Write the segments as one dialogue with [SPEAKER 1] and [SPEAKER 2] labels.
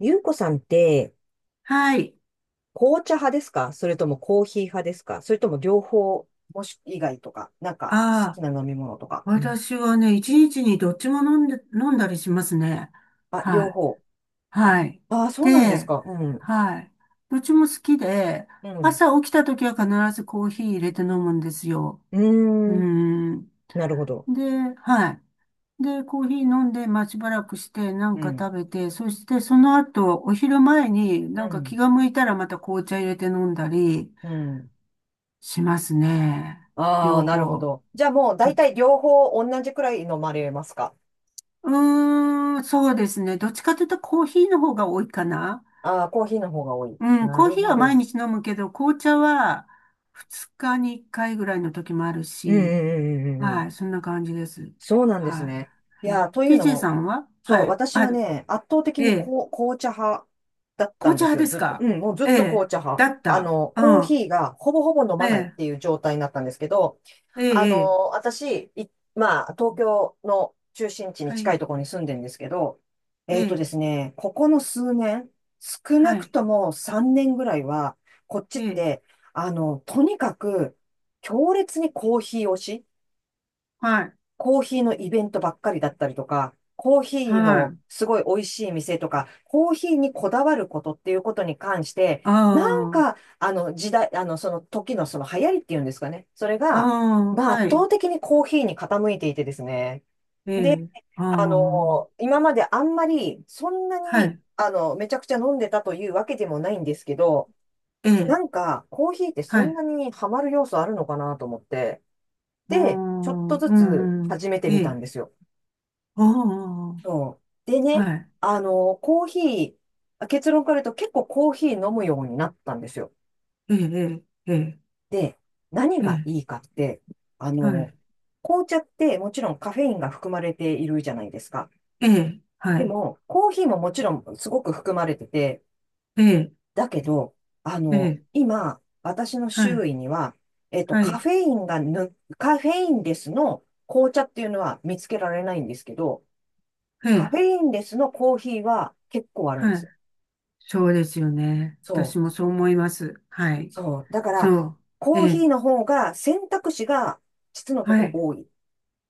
[SPEAKER 1] ゆうこさんって、
[SPEAKER 2] はい。
[SPEAKER 1] 紅茶派ですか、それともコーヒー派ですか、それとも両方、もし以外とか、好き
[SPEAKER 2] ああ、
[SPEAKER 1] な飲み物とか。うん。
[SPEAKER 2] 私はね、一日にどっちも飲んだりしますね。
[SPEAKER 1] あ、両
[SPEAKER 2] はい。
[SPEAKER 1] 方。
[SPEAKER 2] はい。
[SPEAKER 1] ああ、そうなんです
[SPEAKER 2] で、
[SPEAKER 1] か。うん。
[SPEAKER 2] はい。どっちも好きで、
[SPEAKER 1] うん。
[SPEAKER 2] 朝起きた時は必ずコーヒー入れて飲むんですよ。
[SPEAKER 1] う
[SPEAKER 2] うー
[SPEAKER 1] ーん。
[SPEAKER 2] ん。
[SPEAKER 1] なるほど。
[SPEAKER 2] で、はい。で、コーヒー飲んで、まあ、しばらくして、なん
[SPEAKER 1] う
[SPEAKER 2] か
[SPEAKER 1] ん。
[SPEAKER 2] 食べて、そしてその後、お昼前にな
[SPEAKER 1] う
[SPEAKER 2] んか気
[SPEAKER 1] ん。
[SPEAKER 2] が向いたらまた紅茶入れて飲んだり
[SPEAKER 1] うん。
[SPEAKER 2] しますね。
[SPEAKER 1] ああ、
[SPEAKER 2] 両
[SPEAKER 1] なるほ
[SPEAKER 2] 方。
[SPEAKER 1] ど。じゃあもう大体両方同じくらい飲まれますか？
[SPEAKER 2] うーん、そうですね。どっちかというとコーヒーの方が多いかな。
[SPEAKER 1] ああー、コーヒーの方が多い。
[SPEAKER 2] うん、
[SPEAKER 1] な
[SPEAKER 2] コー
[SPEAKER 1] る
[SPEAKER 2] ヒー
[SPEAKER 1] ほ
[SPEAKER 2] は毎
[SPEAKER 1] ど。
[SPEAKER 2] 日飲むけど、紅茶は2日に1回ぐらいの時もある
[SPEAKER 1] うんう
[SPEAKER 2] し、
[SPEAKER 1] んうんうんうんう
[SPEAKER 2] は
[SPEAKER 1] ん。
[SPEAKER 2] い、そんな感じです。
[SPEAKER 1] そうなんです
[SPEAKER 2] は
[SPEAKER 1] ね。い
[SPEAKER 2] い。
[SPEAKER 1] や、
[SPEAKER 2] え、
[SPEAKER 1] というの
[SPEAKER 2] TJ さ
[SPEAKER 1] も、
[SPEAKER 2] んは
[SPEAKER 1] そ
[SPEAKER 2] は
[SPEAKER 1] う、
[SPEAKER 2] い。
[SPEAKER 1] 私は
[SPEAKER 2] あ、
[SPEAKER 1] ね、圧倒的
[SPEAKER 2] え
[SPEAKER 1] に
[SPEAKER 2] え、
[SPEAKER 1] こう紅茶派だった
[SPEAKER 2] 紅
[SPEAKER 1] ん
[SPEAKER 2] 茶
[SPEAKER 1] です
[SPEAKER 2] 派
[SPEAKER 1] よ、
[SPEAKER 2] です
[SPEAKER 1] ずっと。う
[SPEAKER 2] か？
[SPEAKER 1] ん、もうずっ
[SPEAKER 2] え
[SPEAKER 1] と
[SPEAKER 2] え、
[SPEAKER 1] 紅茶派。
[SPEAKER 2] だった。う
[SPEAKER 1] コー
[SPEAKER 2] ん。
[SPEAKER 1] ヒーがほぼほぼ飲
[SPEAKER 2] え
[SPEAKER 1] まないっ
[SPEAKER 2] え、
[SPEAKER 1] ていう状態になったんですけど、
[SPEAKER 2] ええ、ええ、
[SPEAKER 1] 私、い、まあ、東京の中心地に
[SPEAKER 2] は
[SPEAKER 1] 近い
[SPEAKER 2] い、
[SPEAKER 1] ところに住んでるんですけど、
[SPEAKER 2] え
[SPEAKER 1] えっとで
[SPEAKER 2] え、
[SPEAKER 1] すね、ここの数年、少な
[SPEAKER 2] は
[SPEAKER 1] く
[SPEAKER 2] い、
[SPEAKER 1] とも3年ぐらいは、こっち
[SPEAKER 2] え
[SPEAKER 1] っ
[SPEAKER 2] え、
[SPEAKER 1] て、とにかく強烈にコーヒー推し。
[SPEAKER 2] はい、
[SPEAKER 1] コーヒーのイベントばっかりだったりとか、コーヒー
[SPEAKER 2] は
[SPEAKER 1] の
[SPEAKER 2] い。
[SPEAKER 1] すごい美味しい店とか、コーヒーにこだわることっていうことに関して、なん
[SPEAKER 2] ああ、
[SPEAKER 1] か、あの時代、あのその時のその流行りっていうんですかね。それが、
[SPEAKER 2] あ
[SPEAKER 1] ま
[SPEAKER 2] あ、
[SPEAKER 1] あ圧
[SPEAKER 2] はい、
[SPEAKER 1] 倒的にコーヒーに傾いていてですね。
[SPEAKER 2] え
[SPEAKER 1] で、
[SPEAKER 2] え、ああ、
[SPEAKER 1] 今まであんまりそんな
[SPEAKER 2] は
[SPEAKER 1] に、
[SPEAKER 2] い。
[SPEAKER 1] めちゃくちゃ飲んでたというわけでもないんですけど、
[SPEAKER 2] え
[SPEAKER 1] な
[SPEAKER 2] え、
[SPEAKER 1] んかコーヒーってそ
[SPEAKER 2] は
[SPEAKER 1] ん
[SPEAKER 2] い。
[SPEAKER 1] なにハマる要素あるのかなと思って、
[SPEAKER 2] うー
[SPEAKER 1] で、ちょっ
[SPEAKER 2] ん、
[SPEAKER 1] と
[SPEAKER 2] う
[SPEAKER 1] ずつ
[SPEAKER 2] ん、うん。
[SPEAKER 1] 始めて
[SPEAKER 2] え
[SPEAKER 1] みた
[SPEAKER 2] え、
[SPEAKER 1] んですよ。
[SPEAKER 2] おー、
[SPEAKER 1] そう。でね、
[SPEAKER 2] はい。
[SPEAKER 1] あの、コーヒー、あ、結論から言うと結構コーヒー飲むようになったんですよ。
[SPEAKER 2] ええ、ええ、
[SPEAKER 1] で、何
[SPEAKER 2] ええ、
[SPEAKER 1] が
[SPEAKER 2] え
[SPEAKER 1] い
[SPEAKER 2] え
[SPEAKER 1] いかって、あ
[SPEAKER 2] は
[SPEAKER 1] の、
[SPEAKER 2] い。
[SPEAKER 1] 紅茶ってもちろんカフェインが含まれているじゃないですか。
[SPEAKER 2] ええ、は
[SPEAKER 1] で
[SPEAKER 2] い。
[SPEAKER 1] も、コーヒーももちろんすごく含まれてて、
[SPEAKER 2] ええ、
[SPEAKER 1] だけど、
[SPEAKER 2] ええ、
[SPEAKER 1] 今、私の
[SPEAKER 2] はい。
[SPEAKER 1] 周囲には、
[SPEAKER 2] はい。
[SPEAKER 1] カフェインレスの紅茶っていうのは見つけられないんですけど、
[SPEAKER 2] え
[SPEAKER 1] カフ
[SPEAKER 2] え、
[SPEAKER 1] ェインレスのコーヒーは結構あるんで
[SPEAKER 2] は
[SPEAKER 1] す
[SPEAKER 2] い。
[SPEAKER 1] よ。
[SPEAKER 2] そうですよね。
[SPEAKER 1] そ
[SPEAKER 2] 私も
[SPEAKER 1] う。
[SPEAKER 2] そう思います。はい。
[SPEAKER 1] そう。だから、
[SPEAKER 2] そう。え
[SPEAKER 1] コーヒー
[SPEAKER 2] え、
[SPEAKER 1] の方が選択肢が実のと
[SPEAKER 2] は
[SPEAKER 1] こ
[SPEAKER 2] い。
[SPEAKER 1] 多い。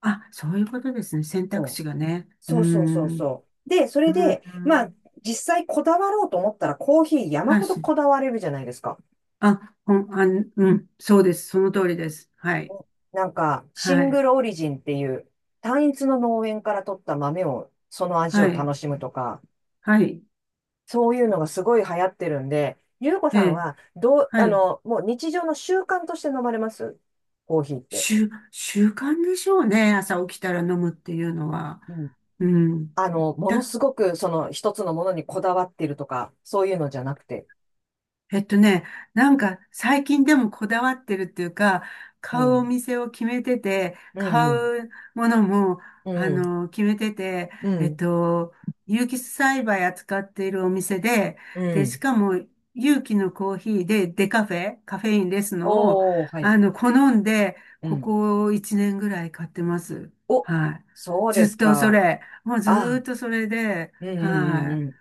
[SPEAKER 2] あ、そういうことですね。選択肢がね。うー
[SPEAKER 1] そうそうそう
[SPEAKER 2] ん、
[SPEAKER 1] そうそう。で、そ
[SPEAKER 2] うー
[SPEAKER 1] れで、まあ、
[SPEAKER 2] ん、
[SPEAKER 1] 実際こだわろうと思ったらコーヒー山
[SPEAKER 2] はい。
[SPEAKER 1] ほど
[SPEAKER 2] し、
[SPEAKER 1] こだわれるじゃないですか。
[SPEAKER 2] あ、ほん、あ、うん、そうです。その通りです。はい。
[SPEAKER 1] なんか、シ
[SPEAKER 2] は
[SPEAKER 1] ン
[SPEAKER 2] い。
[SPEAKER 1] グルオリジンっていう、単一の農園から取った豆を、その味
[SPEAKER 2] は
[SPEAKER 1] を楽
[SPEAKER 2] い。
[SPEAKER 1] しむとか、
[SPEAKER 2] はい。
[SPEAKER 1] そういうのがすごい流行ってるんで、ゆうこ
[SPEAKER 2] え
[SPEAKER 1] さん
[SPEAKER 2] え
[SPEAKER 1] は、どう、
[SPEAKER 2] はい。
[SPEAKER 1] もう日常の習慣として飲まれますコーヒーって。
[SPEAKER 2] 習慣でしょうね。朝起きたら飲むっていうのは。うん。
[SPEAKER 1] もの
[SPEAKER 2] だ、
[SPEAKER 1] すごく、その、一つのものにこだわってるとか、そういうのじゃなくて。
[SPEAKER 2] えっとね、なんか最近でもこだわってるっていうか、
[SPEAKER 1] う
[SPEAKER 2] 買うお
[SPEAKER 1] ん。
[SPEAKER 2] 店を決めてて、
[SPEAKER 1] う
[SPEAKER 2] 買
[SPEAKER 1] ん、
[SPEAKER 2] うものも、
[SPEAKER 1] う
[SPEAKER 2] あ
[SPEAKER 1] ん。うん、
[SPEAKER 2] の、決めてて、
[SPEAKER 1] う
[SPEAKER 2] えっ
[SPEAKER 1] ん、
[SPEAKER 2] と、有機栽培扱っているお店で、
[SPEAKER 1] う
[SPEAKER 2] で、し
[SPEAKER 1] ん。
[SPEAKER 2] かも有機のコーヒーでデカフェ、カフェインレスのを、
[SPEAKER 1] おー、はい。
[SPEAKER 2] あの、好んで、
[SPEAKER 1] う
[SPEAKER 2] こ
[SPEAKER 1] ん。
[SPEAKER 2] こ1年ぐらい買ってます。
[SPEAKER 1] お、
[SPEAKER 2] はい。
[SPEAKER 1] そう
[SPEAKER 2] ず
[SPEAKER 1] で
[SPEAKER 2] っ
[SPEAKER 1] す
[SPEAKER 2] とそ
[SPEAKER 1] か。
[SPEAKER 2] れ、もうずー
[SPEAKER 1] あ、
[SPEAKER 2] っとそれで、
[SPEAKER 1] うん、うん、うん、
[SPEAKER 2] は
[SPEAKER 1] うん。
[SPEAKER 2] い。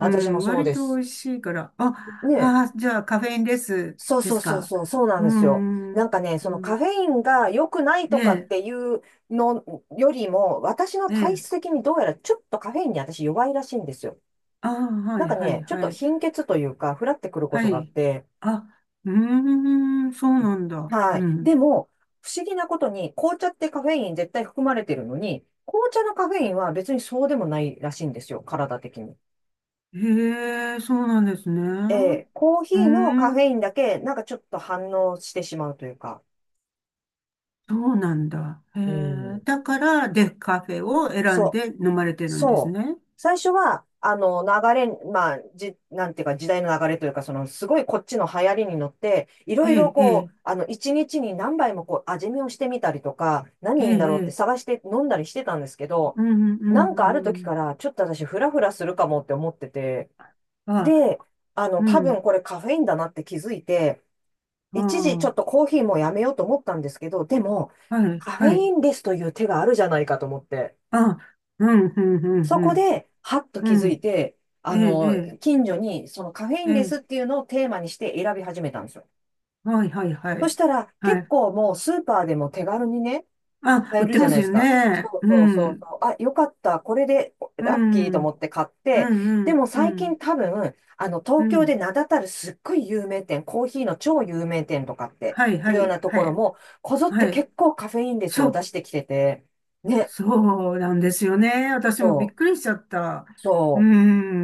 [SPEAKER 2] う
[SPEAKER 1] も
[SPEAKER 2] ん、
[SPEAKER 1] そう
[SPEAKER 2] 割
[SPEAKER 1] で
[SPEAKER 2] と美
[SPEAKER 1] す。
[SPEAKER 2] 味しいから。あ、
[SPEAKER 1] ねえ。
[SPEAKER 2] あー、じゃあカフェインレス
[SPEAKER 1] そう
[SPEAKER 2] で
[SPEAKER 1] そう
[SPEAKER 2] す
[SPEAKER 1] そう
[SPEAKER 2] か？
[SPEAKER 1] そう、そうなん
[SPEAKER 2] う
[SPEAKER 1] ですよ。
[SPEAKER 2] ん、う
[SPEAKER 1] な
[SPEAKER 2] ん、
[SPEAKER 1] んかね、そ
[SPEAKER 2] う
[SPEAKER 1] のカ
[SPEAKER 2] ん
[SPEAKER 1] フェインが良くない
[SPEAKER 2] え
[SPEAKER 1] とかっ
[SPEAKER 2] え、
[SPEAKER 1] ていうのよりも、私の
[SPEAKER 2] え
[SPEAKER 1] 体
[SPEAKER 2] え。
[SPEAKER 1] 質的にどうやらちょっとカフェインに私弱いらしいんですよ。
[SPEAKER 2] ああ、は
[SPEAKER 1] なん
[SPEAKER 2] い、
[SPEAKER 1] か
[SPEAKER 2] はい、
[SPEAKER 1] ね、ちょっ
[SPEAKER 2] は
[SPEAKER 1] と
[SPEAKER 2] い。
[SPEAKER 1] 貧血というか、ふらってくること
[SPEAKER 2] は
[SPEAKER 1] があっ
[SPEAKER 2] い。
[SPEAKER 1] て、
[SPEAKER 2] あ、うーん、そうなんだ。
[SPEAKER 1] はい。
[SPEAKER 2] う
[SPEAKER 1] で
[SPEAKER 2] ん。
[SPEAKER 1] も、不思議なことに、紅茶ってカフェイン絶対含まれてるのに、紅茶のカフェインは別にそうでもないらしいんですよ、体的に。
[SPEAKER 2] へえ、そうなんですね。
[SPEAKER 1] ええ、コー
[SPEAKER 2] うー
[SPEAKER 1] ヒーのカフェ
[SPEAKER 2] ん、
[SPEAKER 1] インだけ、なんかちょっと反応してしまうというか。
[SPEAKER 2] そうなんだ。へ
[SPEAKER 1] う
[SPEAKER 2] え、
[SPEAKER 1] ん。
[SPEAKER 2] だから、デフカフェを選ん
[SPEAKER 1] そう、
[SPEAKER 2] で飲まれてるんです
[SPEAKER 1] そう。
[SPEAKER 2] ね。
[SPEAKER 1] 最初は、あの、流れ、まあ、じ、なんていうか、時代の流れというか、その、すごいこっちの流行りに乗って、い
[SPEAKER 2] え
[SPEAKER 1] ろいろ
[SPEAKER 2] え、ええ、
[SPEAKER 1] こう、一日に何杯もこう、味見をしてみたりとか、
[SPEAKER 2] え
[SPEAKER 1] 何いいんだろうって
[SPEAKER 2] え、ええ
[SPEAKER 1] 探して飲んだりしてたんですけど、
[SPEAKER 2] うん、う
[SPEAKER 1] なん
[SPEAKER 2] ん、
[SPEAKER 1] かある
[SPEAKER 2] う
[SPEAKER 1] 時か
[SPEAKER 2] ん。
[SPEAKER 1] ら、ちょっと私、フラフラするかもって思ってて、
[SPEAKER 2] あ、
[SPEAKER 1] で、
[SPEAKER 2] う
[SPEAKER 1] 多分
[SPEAKER 2] ん、
[SPEAKER 1] これカフェインだなって気づいて、
[SPEAKER 2] あ
[SPEAKER 1] 一時ちょっとコーヒーもやめようと思ったんですけど、でも、
[SPEAKER 2] あ、はい、
[SPEAKER 1] カフェ
[SPEAKER 2] は
[SPEAKER 1] イ
[SPEAKER 2] い。
[SPEAKER 1] ンレスという手があるじゃないかと思って。
[SPEAKER 2] あ、うん、うん、
[SPEAKER 1] そ
[SPEAKER 2] う
[SPEAKER 1] こ
[SPEAKER 2] ん、
[SPEAKER 1] で、はっと
[SPEAKER 2] うん。
[SPEAKER 1] 気づ
[SPEAKER 2] う
[SPEAKER 1] い
[SPEAKER 2] ん
[SPEAKER 1] て、
[SPEAKER 2] ええ、
[SPEAKER 1] 近所にそのカフェイ
[SPEAKER 2] え
[SPEAKER 1] ン
[SPEAKER 2] え、
[SPEAKER 1] レ
[SPEAKER 2] え
[SPEAKER 1] スっ
[SPEAKER 2] え。
[SPEAKER 1] ていうのをテーマにして選び始めたんですよ。
[SPEAKER 2] はい、はい、は
[SPEAKER 1] そし
[SPEAKER 2] い。
[SPEAKER 1] たら、
[SPEAKER 2] は
[SPEAKER 1] 結
[SPEAKER 2] い。
[SPEAKER 1] 構もうスーパーでも手軽にね、
[SPEAKER 2] あ、
[SPEAKER 1] 買え
[SPEAKER 2] 売っ
[SPEAKER 1] る
[SPEAKER 2] て
[SPEAKER 1] じゃ
[SPEAKER 2] ま
[SPEAKER 1] ない
[SPEAKER 2] す
[SPEAKER 1] で
[SPEAKER 2] よ
[SPEAKER 1] すか。そ
[SPEAKER 2] ね。
[SPEAKER 1] う
[SPEAKER 2] う
[SPEAKER 1] そうそう
[SPEAKER 2] ん、
[SPEAKER 1] そう。あ、よかった。これで
[SPEAKER 2] う
[SPEAKER 1] ラッキー
[SPEAKER 2] ん、
[SPEAKER 1] と
[SPEAKER 2] う
[SPEAKER 1] 思
[SPEAKER 2] ん、
[SPEAKER 1] って買っ
[SPEAKER 2] う
[SPEAKER 1] て、でも
[SPEAKER 2] ん、う
[SPEAKER 1] 最近
[SPEAKER 2] ん、
[SPEAKER 1] 多分、
[SPEAKER 2] う
[SPEAKER 1] 東京で
[SPEAKER 2] ん。
[SPEAKER 1] 名だたるすっごい有名店、コーヒーの超有名店とかって
[SPEAKER 2] はい、
[SPEAKER 1] い
[SPEAKER 2] は
[SPEAKER 1] うよう
[SPEAKER 2] い、
[SPEAKER 1] なと
[SPEAKER 2] は
[SPEAKER 1] ころ
[SPEAKER 2] い、
[SPEAKER 1] も、こぞって
[SPEAKER 2] はい。
[SPEAKER 1] 結構カフェインレス
[SPEAKER 2] そ
[SPEAKER 1] を出
[SPEAKER 2] う、
[SPEAKER 1] してきてて、ね、
[SPEAKER 2] そうなんですよね。私も
[SPEAKER 1] そ
[SPEAKER 2] びっく
[SPEAKER 1] う。
[SPEAKER 2] りしちゃった。う
[SPEAKER 1] そう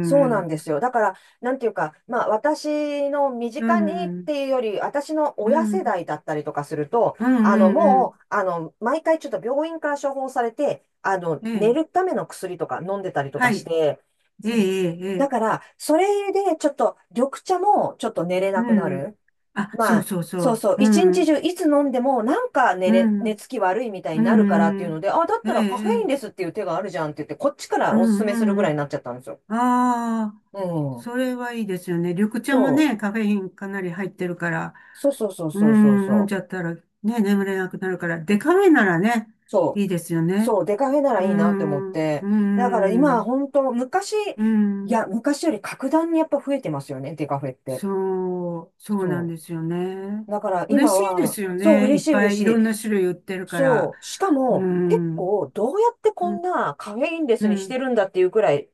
[SPEAKER 1] そう
[SPEAKER 2] う
[SPEAKER 1] なん
[SPEAKER 2] ん、
[SPEAKER 1] ですよ。だから、なんていうか、まあ、私の身
[SPEAKER 2] う
[SPEAKER 1] 近にっ
[SPEAKER 2] ん、
[SPEAKER 1] ていうより、私の
[SPEAKER 2] う
[SPEAKER 1] 親世
[SPEAKER 2] ん、
[SPEAKER 1] 代だったりとかすると、
[SPEAKER 2] う
[SPEAKER 1] あの、
[SPEAKER 2] ん、うん。
[SPEAKER 1] もう、あの、毎回ちょっと病院から処方されて、
[SPEAKER 2] え
[SPEAKER 1] 寝
[SPEAKER 2] え、
[SPEAKER 1] るための薬とか飲んでたりとか
[SPEAKER 2] は
[SPEAKER 1] し
[SPEAKER 2] い。
[SPEAKER 1] て、
[SPEAKER 2] ええ、
[SPEAKER 1] うん、
[SPEAKER 2] ええ、え
[SPEAKER 1] だ
[SPEAKER 2] え
[SPEAKER 1] から、それでちょっと、緑茶もちょっと寝れ
[SPEAKER 2] う
[SPEAKER 1] なくな
[SPEAKER 2] ん。
[SPEAKER 1] る。
[SPEAKER 2] あ、
[SPEAKER 1] ま
[SPEAKER 2] そう
[SPEAKER 1] あ、
[SPEAKER 2] そうそ
[SPEAKER 1] そう
[SPEAKER 2] う。
[SPEAKER 1] そう、一
[SPEAKER 2] う
[SPEAKER 1] 日
[SPEAKER 2] ん、
[SPEAKER 1] 中いつ飲んでも、
[SPEAKER 2] う
[SPEAKER 1] 寝
[SPEAKER 2] ん。
[SPEAKER 1] つき悪いみたいに
[SPEAKER 2] う
[SPEAKER 1] なるからって
[SPEAKER 2] ん
[SPEAKER 1] い
[SPEAKER 2] う
[SPEAKER 1] うの
[SPEAKER 2] ん。
[SPEAKER 1] で、あ、だっ
[SPEAKER 2] え
[SPEAKER 1] た
[SPEAKER 2] え、
[SPEAKER 1] らカフェ
[SPEAKER 2] え
[SPEAKER 1] インレ
[SPEAKER 2] え。
[SPEAKER 1] スっていう手があるじゃんって言って、こっちか
[SPEAKER 2] う
[SPEAKER 1] らおすすめするぐ
[SPEAKER 2] んう
[SPEAKER 1] らいに
[SPEAKER 2] ん。
[SPEAKER 1] なっちゃったんですよ。
[SPEAKER 2] ああ、
[SPEAKER 1] うん。
[SPEAKER 2] それはいいですよね。緑茶も
[SPEAKER 1] そう。
[SPEAKER 2] ね、カフェインかなり入ってるから、
[SPEAKER 1] そうそうそう
[SPEAKER 2] う
[SPEAKER 1] そうそう
[SPEAKER 2] ん、飲ん
[SPEAKER 1] そ
[SPEAKER 2] じゃ
[SPEAKER 1] う。
[SPEAKER 2] ったらね、眠れなくなるから、デカフェならね、
[SPEAKER 1] そう。
[SPEAKER 2] いいですよね。
[SPEAKER 1] そう。出かけなら
[SPEAKER 2] う
[SPEAKER 1] いいなって思っ
[SPEAKER 2] ん、
[SPEAKER 1] て。
[SPEAKER 2] う
[SPEAKER 1] だから今、
[SPEAKER 2] ん、
[SPEAKER 1] 本当昔、
[SPEAKER 2] う
[SPEAKER 1] い
[SPEAKER 2] ん。
[SPEAKER 1] や、昔より格段にやっぱ増えてますよね、デカフェって。
[SPEAKER 2] そう、そうなん
[SPEAKER 1] そ
[SPEAKER 2] ですよね。
[SPEAKER 1] う。だから
[SPEAKER 2] 嬉
[SPEAKER 1] 今
[SPEAKER 2] しいで
[SPEAKER 1] は、
[SPEAKER 2] すよ
[SPEAKER 1] そう、
[SPEAKER 2] ね。いっ
[SPEAKER 1] 嬉しい
[SPEAKER 2] ぱ
[SPEAKER 1] 嬉
[SPEAKER 2] い
[SPEAKER 1] し
[SPEAKER 2] いろ
[SPEAKER 1] い。
[SPEAKER 2] んな種類売ってるから。
[SPEAKER 1] そう。しか
[SPEAKER 2] う
[SPEAKER 1] も、結
[SPEAKER 2] ん、
[SPEAKER 1] 構、どうやって
[SPEAKER 2] う
[SPEAKER 1] こん
[SPEAKER 2] ん、
[SPEAKER 1] なカフェインレ
[SPEAKER 2] う
[SPEAKER 1] スにして
[SPEAKER 2] ん。
[SPEAKER 1] るんだっていうくらい、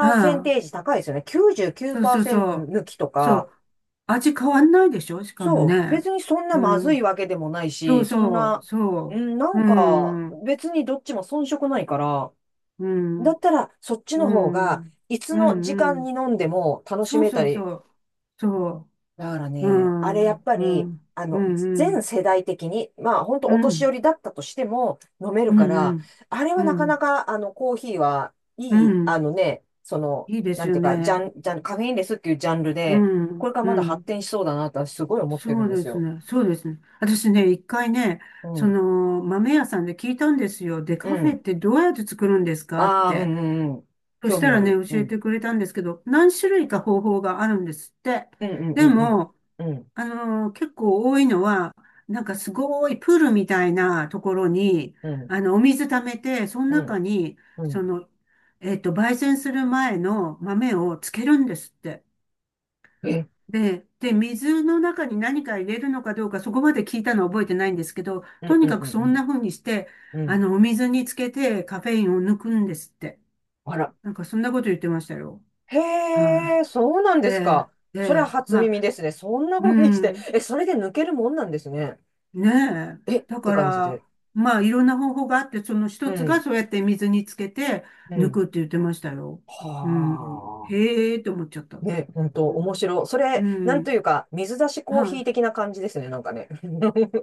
[SPEAKER 2] あ
[SPEAKER 1] ーセンテー
[SPEAKER 2] あ。
[SPEAKER 1] ジ高いですよね。
[SPEAKER 2] そうそう
[SPEAKER 1] 99%
[SPEAKER 2] そう。
[SPEAKER 1] 抜きと
[SPEAKER 2] そ
[SPEAKER 1] か、
[SPEAKER 2] う。味変わんないでしょしかも
[SPEAKER 1] そう。別
[SPEAKER 2] ね。
[SPEAKER 1] にそんな
[SPEAKER 2] う
[SPEAKER 1] まずい
[SPEAKER 2] ん。
[SPEAKER 1] わけでもない
[SPEAKER 2] そ
[SPEAKER 1] し、
[SPEAKER 2] う
[SPEAKER 1] そん
[SPEAKER 2] そう、
[SPEAKER 1] な、う
[SPEAKER 2] そ
[SPEAKER 1] ん、な
[SPEAKER 2] う。う
[SPEAKER 1] んか
[SPEAKER 2] ん、うん、
[SPEAKER 1] 別にどっちも遜色ないから、
[SPEAKER 2] うん、
[SPEAKER 1] だったらそっち
[SPEAKER 2] う
[SPEAKER 1] の方が、
[SPEAKER 2] ん、
[SPEAKER 1] いつ
[SPEAKER 2] う
[SPEAKER 1] の時間に
[SPEAKER 2] ん。
[SPEAKER 1] 飲んでも楽し
[SPEAKER 2] そう
[SPEAKER 1] めた
[SPEAKER 2] そうそ
[SPEAKER 1] り。
[SPEAKER 2] う。そ
[SPEAKER 1] だから
[SPEAKER 2] う。う
[SPEAKER 1] ね、あれやっ
[SPEAKER 2] ん、
[SPEAKER 1] ぱ
[SPEAKER 2] うん、
[SPEAKER 1] り、
[SPEAKER 2] うん、う
[SPEAKER 1] 全
[SPEAKER 2] ん、
[SPEAKER 1] 世代的に、まあ本当
[SPEAKER 2] う
[SPEAKER 1] お年寄
[SPEAKER 2] ん、
[SPEAKER 1] りだったとしても飲める
[SPEAKER 2] う
[SPEAKER 1] から、
[SPEAKER 2] ん、
[SPEAKER 1] あれ
[SPEAKER 2] う
[SPEAKER 1] はなかな
[SPEAKER 2] ん、
[SPEAKER 1] か、あの、コーヒーは
[SPEAKER 2] う
[SPEAKER 1] いい、あ
[SPEAKER 2] ん。
[SPEAKER 1] のね、その、
[SPEAKER 2] いいで
[SPEAKER 1] な
[SPEAKER 2] す
[SPEAKER 1] ん
[SPEAKER 2] よ
[SPEAKER 1] ていうか、ジャ
[SPEAKER 2] ね。
[SPEAKER 1] ン、ジャン、カフェインレスっていうジャンル
[SPEAKER 2] う
[SPEAKER 1] で、こ
[SPEAKER 2] ん、
[SPEAKER 1] れから
[SPEAKER 2] う
[SPEAKER 1] まだ発
[SPEAKER 2] ん。
[SPEAKER 1] 展しそうだなとはすごい思ってる
[SPEAKER 2] そ
[SPEAKER 1] ん
[SPEAKER 2] う
[SPEAKER 1] で
[SPEAKER 2] で
[SPEAKER 1] す
[SPEAKER 2] す
[SPEAKER 1] よ。
[SPEAKER 2] ね。そうですね。私ね、一回ね、
[SPEAKER 1] う
[SPEAKER 2] そ
[SPEAKER 1] ん
[SPEAKER 2] の豆屋さんで聞いたんですよ。で、
[SPEAKER 1] う
[SPEAKER 2] カフェ
[SPEAKER 1] ん。
[SPEAKER 2] ってどうやって作るんですかっ
[SPEAKER 1] ああ、う
[SPEAKER 2] て。
[SPEAKER 1] んうんうん。
[SPEAKER 2] そし
[SPEAKER 1] 興
[SPEAKER 2] た
[SPEAKER 1] 味
[SPEAKER 2] ら
[SPEAKER 1] あ
[SPEAKER 2] ね、
[SPEAKER 1] る。う
[SPEAKER 2] 教えて
[SPEAKER 1] ん。
[SPEAKER 2] くれたんですけど、何種類か方法があるんですって。
[SPEAKER 1] うんうんう
[SPEAKER 2] で
[SPEAKER 1] ん
[SPEAKER 2] も、
[SPEAKER 1] うん。うん。
[SPEAKER 2] 結構多いのは、なんかすごいプールみたいなところに、
[SPEAKER 1] うん。
[SPEAKER 2] あの、お水溜めて、その
[SPEAKER 1] う
[SPEAKER 2] 中
[SPEAKER 1] ん。
[SPEAKER 2] に、
[SPEAKER 1] う
[SPEAKER 2] そ
[SPEAKER 1] ん。
[SPEAKER 2] の、焙煎する前の豆をつけるんですって。
[SPEAKER 1] え、
[SPEAKER 2] で、水の中に何か入れるのかどうか、そこまで聞いたのは覚えてないんですけど、
[SPEAKER 1] う
[SPEAKER 2] と
[SPEAKER 1] んう
[SPEAKER 2] に
[SPEAKER 1] ん
[SPEAKER 2] か
[SPEAKER 1] う
[SPEAKER 2] く
[SPEAKER 1] ん
[SPEAKER 2] そんな風にして、
[SPEAKER 1] うん。う
[SPEAKER 2] あ
[SPEAKER 1] ん。
[SPEAKER 2] の、お水につけてカフェインを抜くんですって。
[SPEAKER 1] あら。
[SPEAKER 2] なんかそんなこと言ってましたよ。
[SPEAKER 1] へ
[SPEAKER 2] は
[SPEAKER 1] え、そうなん
[SPEAKER 2] い。え
[SPEAKER 1] ですか。
[SPEAKER 2] え、え
[SPEAKER 1] それは
[SPEAKER 2] え、
[SPEAKER 1] 初
[SPEAKER 2] ま
[SPEAKER 1] 耳
[SPEAKER 2] あ、
[SPEAKER 1] ですね。そんな
[SPEAKER 2] う
[SPEAKER 1] 風にして。
[SPEAKER 2] ん、
[SPEAKER 1] え、それで抜けるもんなんですね。
[SPEAKER 2] ね
[SPEAKER 1] え、っ
[SPEAKER 2] え。だ
[SPEAKER 1] て
[SPEAKER 2] か
[SPEAKER 1] 感じで。
[SPEAKER 2] ら、まあ、いろんな方法があって、その
[SPEAKER 1] う
[SPEAKER 2] 一つが
[SPEAKER 1] ん。
[SPEAKER 2] そうやって水につけて
[SPEAKER 1] う
[SPEAKER 2] 抜
[SPEAKER 1] ん。
[SPEAKER 2] くって言ってましたよ。うん、
[SPEAKER 1] はあ。
[SPEAKER 2] へえって思っちゃった。
[SPEAKER 1] ね、本当
[SPEAKER 2] うん、
[SPEAKER 1] 面白い。そ
[SPEAKER 2] う
[SPEAKER 1] れ、なんと
[SPEAKER 2] ん
[SPEAKER 1] いうか、水出しコー
[SPEAKER 2] は
[SPEAKER 1] ヒー
[SPEAKER 2] い。
[SPEAKER 1] 的な感じですね。なんかね。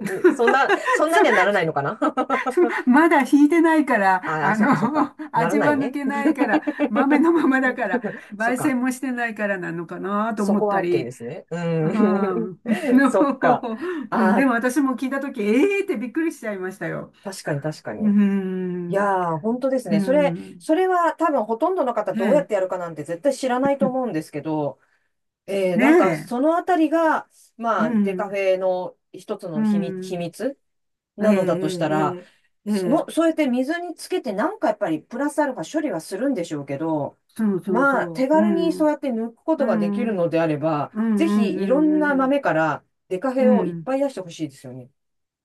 [SPEAKER 1] そんな、そんな
[SPEAKER 2] そ
[SPEAKER 1] にはならないのかな。
[SPEAKER 2] そ まだ引いてないから、
[SPEAKER 1] ああ、
[SPEAKER 2] あ
[SPEAKER 1] そうか、そうか。
[SPEAKER 2] の、
[SPEAKER 1] なら
[SPEAKER 2] 味
[SPEAKER 1] ない
[SPEAKER 2] は抜
[SPEAKER 1] ね。
[SPEAKER 2] けないから、豆 のままだから、
[SPEAKER 1] そっ
[SPEAKER 2] 焙
[SPEAKER 1] か。
[SPEAKER 2] 煎もしてないからなのかなと
[SPEAKER 1] そ
[SPEAKER 2] 思
[SPEAKER 1] こ
[SPEAKER 2] っ
[SPEAKER 1] は
[SPEAKER 2] た
[SPEAKER 1] OK で
[SPEAKER 2] り、
[SPEAKER 1] すね。う
[SPEAKER 2] は
[SPEAKER 1] ん。
[SPEAKER 2] い
[SPEAKER 1] そっか。
[SPEAKER 2] うん
[SPEAKER 1] あ
[SPEAKER 2] で
[SPEAKER 1] あ、
[SPEAKER 2] も私も聞いたとき、ええーってびっくりしちゃいましたよ。
[SPEAKER 1] 確かに確か
[SPEAKER 2] う
[SPEAKER 1] に。い
[SPEAKER 2] ん、
[SPEAKER 1] やー、本当です
[SPEAKER 2] う
[SPEAKER 1] ね。それ、
[SPEAKER 2] ん、
[SPEAKER 1] それは多分ほとんどの方
[SPEAKER 2] え
[SPEAKER 1] どうやっ
[SPEAKER 2] え、
[SPEAKER 1] てやるかなんて絶対知らないと思うんですけど、えー、
[SPEAKER 2] ね
[SPEAKER 1] なんか
[SPEAKER 2] え、
[SPEAKER 1] そのあたりが、
[SPEAKER 2] う
[SPEAKER 1] まあ、デカフ
[SPEAKER 2] ん、
[SPEAKER 1] ェの一つ
[SPEAKER 2] う
[SPEAKER 1] の秘密、秘
[SPEAKER 2] ん、
[SPEAKER 1] 密
[SPEAKER 2] ええ、
[SPEAKER 1] な
[SPEAKER 2] え
[SPEAKER 1] のだとしたら、
[SPEAKER 2] え、ええ、え
[SPEAKER 1] そ、そ
[SPEAKER 2] え
[SPEAKER 1] うやって水につけてなんかやっぱりプラスアルファ処理はするんでしょうけど、
[SPEAKER 2] そうそう
[SPEAKER 1] まあ
[SPEAKER 2] そ
[SPEAKER 1] 手
[SPEAKER 2] う、う
[SPEAKER 1] 軽にそ
[SPEAKER 2] ん、
[SPEAKER 1] うやって抜くこ
[SPEAKER 2] う
[SPEAKER 1] とができ
[SPEAKER 2] ん、
[SPEAKER 1] る
[SPEAKER 2] うん、
[SPEAKER 1] のであれば、
[SPEAKER 2] うん、う
[SPEAKER 1] ぜひいろんな
[SPEAKER 2] ん、
[SPEAKER 1] 豆からデカフ
[SPEAKER 2] うん、
[SPEAKER 1] ェをいっ
[SPEAKER 2] うん
[SPEAKER 1] ぱい出してほしいですよね。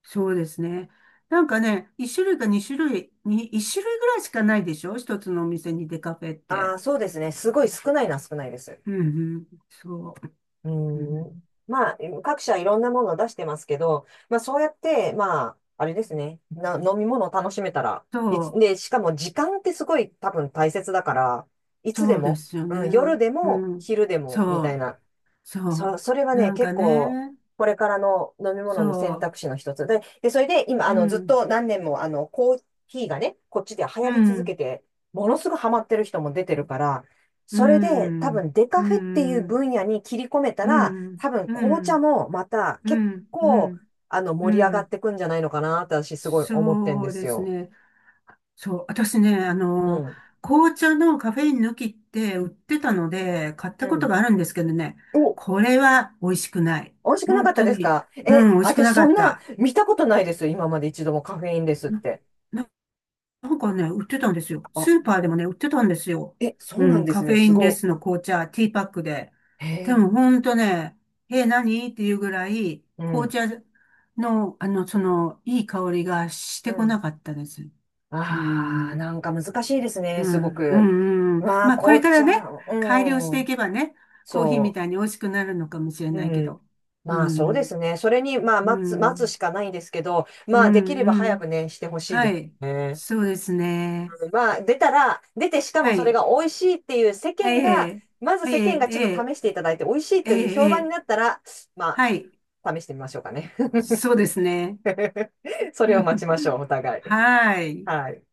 [SPEAKER 2] そうですね。なんかね、一種類ぐらいしかないでしょ一つのお店にデカフェっ
[SPEAKER 1] あ
[SPEAKER 2] て。
[SPEAKER 1] あ、そうですね。すごい少ないな、少ないです。
[SPEAKER 2] うん、うん、そう、
[SPEAKER 1] う
[SPEAKER 2] うん、
[SPEAKER 1] ん。まあ、各社いろんなものを出してますけど、まあそうやって、まあ、あれですね。飲み物を楽しめたら、
[SPEAKER 2] そ
[SPEAKER 1] いつ、
[SPEAKER 2] う、
[SPEAKER 1] で、しかも時間ってすごい多分大切だから、いつで
[SPEAKER 2] そうで
[SPEAKER 1] も、
[SPEAKER 2] すよ
[SPEAKER 1] うん、夜
[SPEAKER 2] ね。
[SPEAKER 1] で
[SPEAKER 2] う
[SPEAKER 1] も
[SPEAKER 2] ん、
[SPEAKER 1] 昼でもみ
[SPEAKER 2] そ
[SPEAKER 1] たい
[SPEAKER 2] う、
[SPEAKER 1] な。そ
[SPEAKER 2] そ
[SPEAKER 1] う、それは
[SPEAKER 2] う、
[SPEAKER 1] ね、
[SPEAKER 2] なんか
[SPEAKER 1] 結構、
[SPEAKER 2] ね、
[SPEAKER 1] これからの飲み
[SPEAKER 2] そ
[SPEAKER 1] 物の選
[SPEAKER 2] う。
[SPEAKER 1] 択肢の一つで、で、それで今、
[SPEAKER 2] う
[SPEAKER 1] ずっ
[SPEAKER 2] ん、
[SPEAKER 1] と何年も、コーヒーがね、こっちで流
[SPEAKER 2] う
[SPEAKER 1] 行り続
[SPEAKER 2] ん、
[SPEAKER 1] けて、ものすごいハマってる人も出てるから、
[SPEAKER 2] う
[SPEAKER 1] それで多分
[SPEAKER 2] ん、
[SPEAKER 1] デ
[SPEAKER 2] う
[SPEAKER 1] カ
[SPEAKER 2] ん、
[SPEAKER 1] フェっていう
[SPEAKER 2] うん、
[SPEAKER 1] 分野に切り込めた
[SPEAKER 2] う
[SPEAKER 1] ら、
[SPEAKER 2] ん、
[SPEAKER 1] 多分
[SPEAKER 2] う
[SPEAKER 1] 紅茶
[SPEAKER 2] ん、
[SPEAKER 1] もまた
[SPEAKER 2] う
[SPEAKER 1] 結
[SPEAKER 2] ん、
[SPEAKER 1] 構、
[SPEAKER 2] う
[SPEAKER 1] 盛り上がっ
[SPEAKER 2] ん
[SPEAKER 1] てくんじゃないのかなって私すごい思ってんで
[SPEAKER 2] そう
[SPEAKER 1] す
[SPEAKER 2] です
[SPEAKER 1] よ。
[SPEAKER 2] ね。そう、私ね、あ
[SPEAKER 1] う
[SPEAKER 2] の、
[SPEAKER 1] ん。
[SPEAKER 2] 紅茶のカフェイン抜きって売ってたので、買っ
[SPEAKER 1] う
[SPEAKER 2] たこと
[SPEAKER 1] ん。
[SPEAKER 2] があるんですけどね、
[SPEAKER 1] お、
[SPEAKER 2] これは美味しくない。
[SPEAKER 1] 美味しくなか
[SPEAKER 2] 本
[SPEAKER 1] った
[SPEAKER 2] 当
[SPEAKER 1] です
[SPEAKER 2] に、
[SPEAKER 1] か？え、
[SPEAKER 2] うん、美味しく
[SPEAKER 1] 私
[SPEAKER 2] なか
[SPEAKER 1] そん
[SPEAKER 2] っ
[SPEAKER 1] な
[SPEAKER 2] た。
[SPEAKER 1] 見たことないです。今まで一度もカフェインですって。
[SPEAKER 2] ななんかね、売ってたんですよ。スー
[SPEAKER 1] あ、
[SPEAKER 2] パーでもね、売ってたんですよ。
[SPEAKER 1] え、そ
[SPEAKER 2] う
[SPEAKER 1] うなん
[SPEAKER 2] ん、
[SPEAKER 1] です
[SPEAKER 2] カフ
[SPEAKER 1] ね。
[SPEAKER 2] ェイ
[SPEAKER 1] す
[SPEAKER 2] ンレ
[SPEAKER 1] ご。
[SPEAKER 2] スの紅茶、ティーパックで。
[SPEAKER 1] へ
[SPEAKER 2] でも
[SPEAKER 1] え。
[SPEAKER 2] ほんとね、え、何っていうぐらい、
[SPEAKER 1] う
[SPEAKER 2] 紅
[SPEAKER 1] ん。
[SPEAKER 2] 茶の、あの、その、いい香りがし
[SPEAKER 1] う
[SPEAKER 2] てこ
[SPEAKER 1] ん。
[SPEAKER 2] なかったです。う
[SPEAKER 1] ああ、
[SPEAKER 2] ん、
[SPEAKER 1] なんか難しいです
[SPEAKER 2] う
[SPEAKER 1] ね。すご
[SPEAKER 2] ん、う
[SPEAKER 1] く。
[SPEAKER 2] ん、うん。
[SPEAKER 1] まあ、
[SPEAKER 2] まあ、これ
[SPEAKER 1] 紅
[SPEAKER 2] から
[SPEAKER 1] 茶。
[SPEAKER 2] ね、改良して
[SPEAKER 1] う
[SPEAKER 2] い
[SPEAKER 1] ん。
[SPEAKER 2] けばね、コーヒーみ
[SPEAKER 1] そ
[SPEAKER 2] たいに美味しくなるのかもしれ
[SPEAKER 1] う。
[SPEAKER 2] ないけ
[SPEAKER 1] うん。
[SPEAKER 2] ど。う
[SPEAKER 1] まあ、そうで
[SPEAKER 2] ん、
[SPEAKER 1] すね。それに、まあ、
[SPEAKER 2] う
[SPEAKER 1] 待つ、待つ
[SPEAKER 2] ん、
[SPEAKER 1] しかないんですけど、
[SPEAKER 2] う
[SPEAKER 1] まあ、できれば
[SPEAKER 2] ん、う
[SPEAKER 1] 早
[SPEAKER 2] ん。
[SPEAKER 1] くね、してほしいで
[SPEAKER 2] は
[SPEAKER 1] す
[SPEAKER 2] い。
[SPEAKER 1] ね。
[SPEAKER 2] そうですね。
[SPEAKER 1] うん、まあ、出たら、出てしかも
[SPEAKER 2] は
[SPEAKER 1] それ
[SPEAKER 2] い。
[SPEAKER 1] が美味しいっていう世
[SPEAKER 2] え
[SPEAKER 1] 間が、
[SPEAKER 2] え、
[SPEAKER 1] まず
[SPEAKER 2] ええ、
[SPEAKER 1] 世間がちょっと
[SPEAKER 2] え
[SPEAKER 1] 試していただいて、美味し
[SPEAKER 2] え、
[SPEAKER 1] い
[SPEAKER 2] ええ、
[SPEAKER 1] という評
[SPEAKER 2] え
[SPEAKER 1] 判に
[SPEAKER 2] え
[SPEAKER 1] なったら、ま
[SPEAKER 2] はい。
[SPEAKER 1] あ、試してみましょうかね。
[SPEAKER 2] そうですね。
[SPEAKER 1] それを待ちましょう、お 互い。
[SPEAKER 2] はい。
[SPEAKER 1] はい。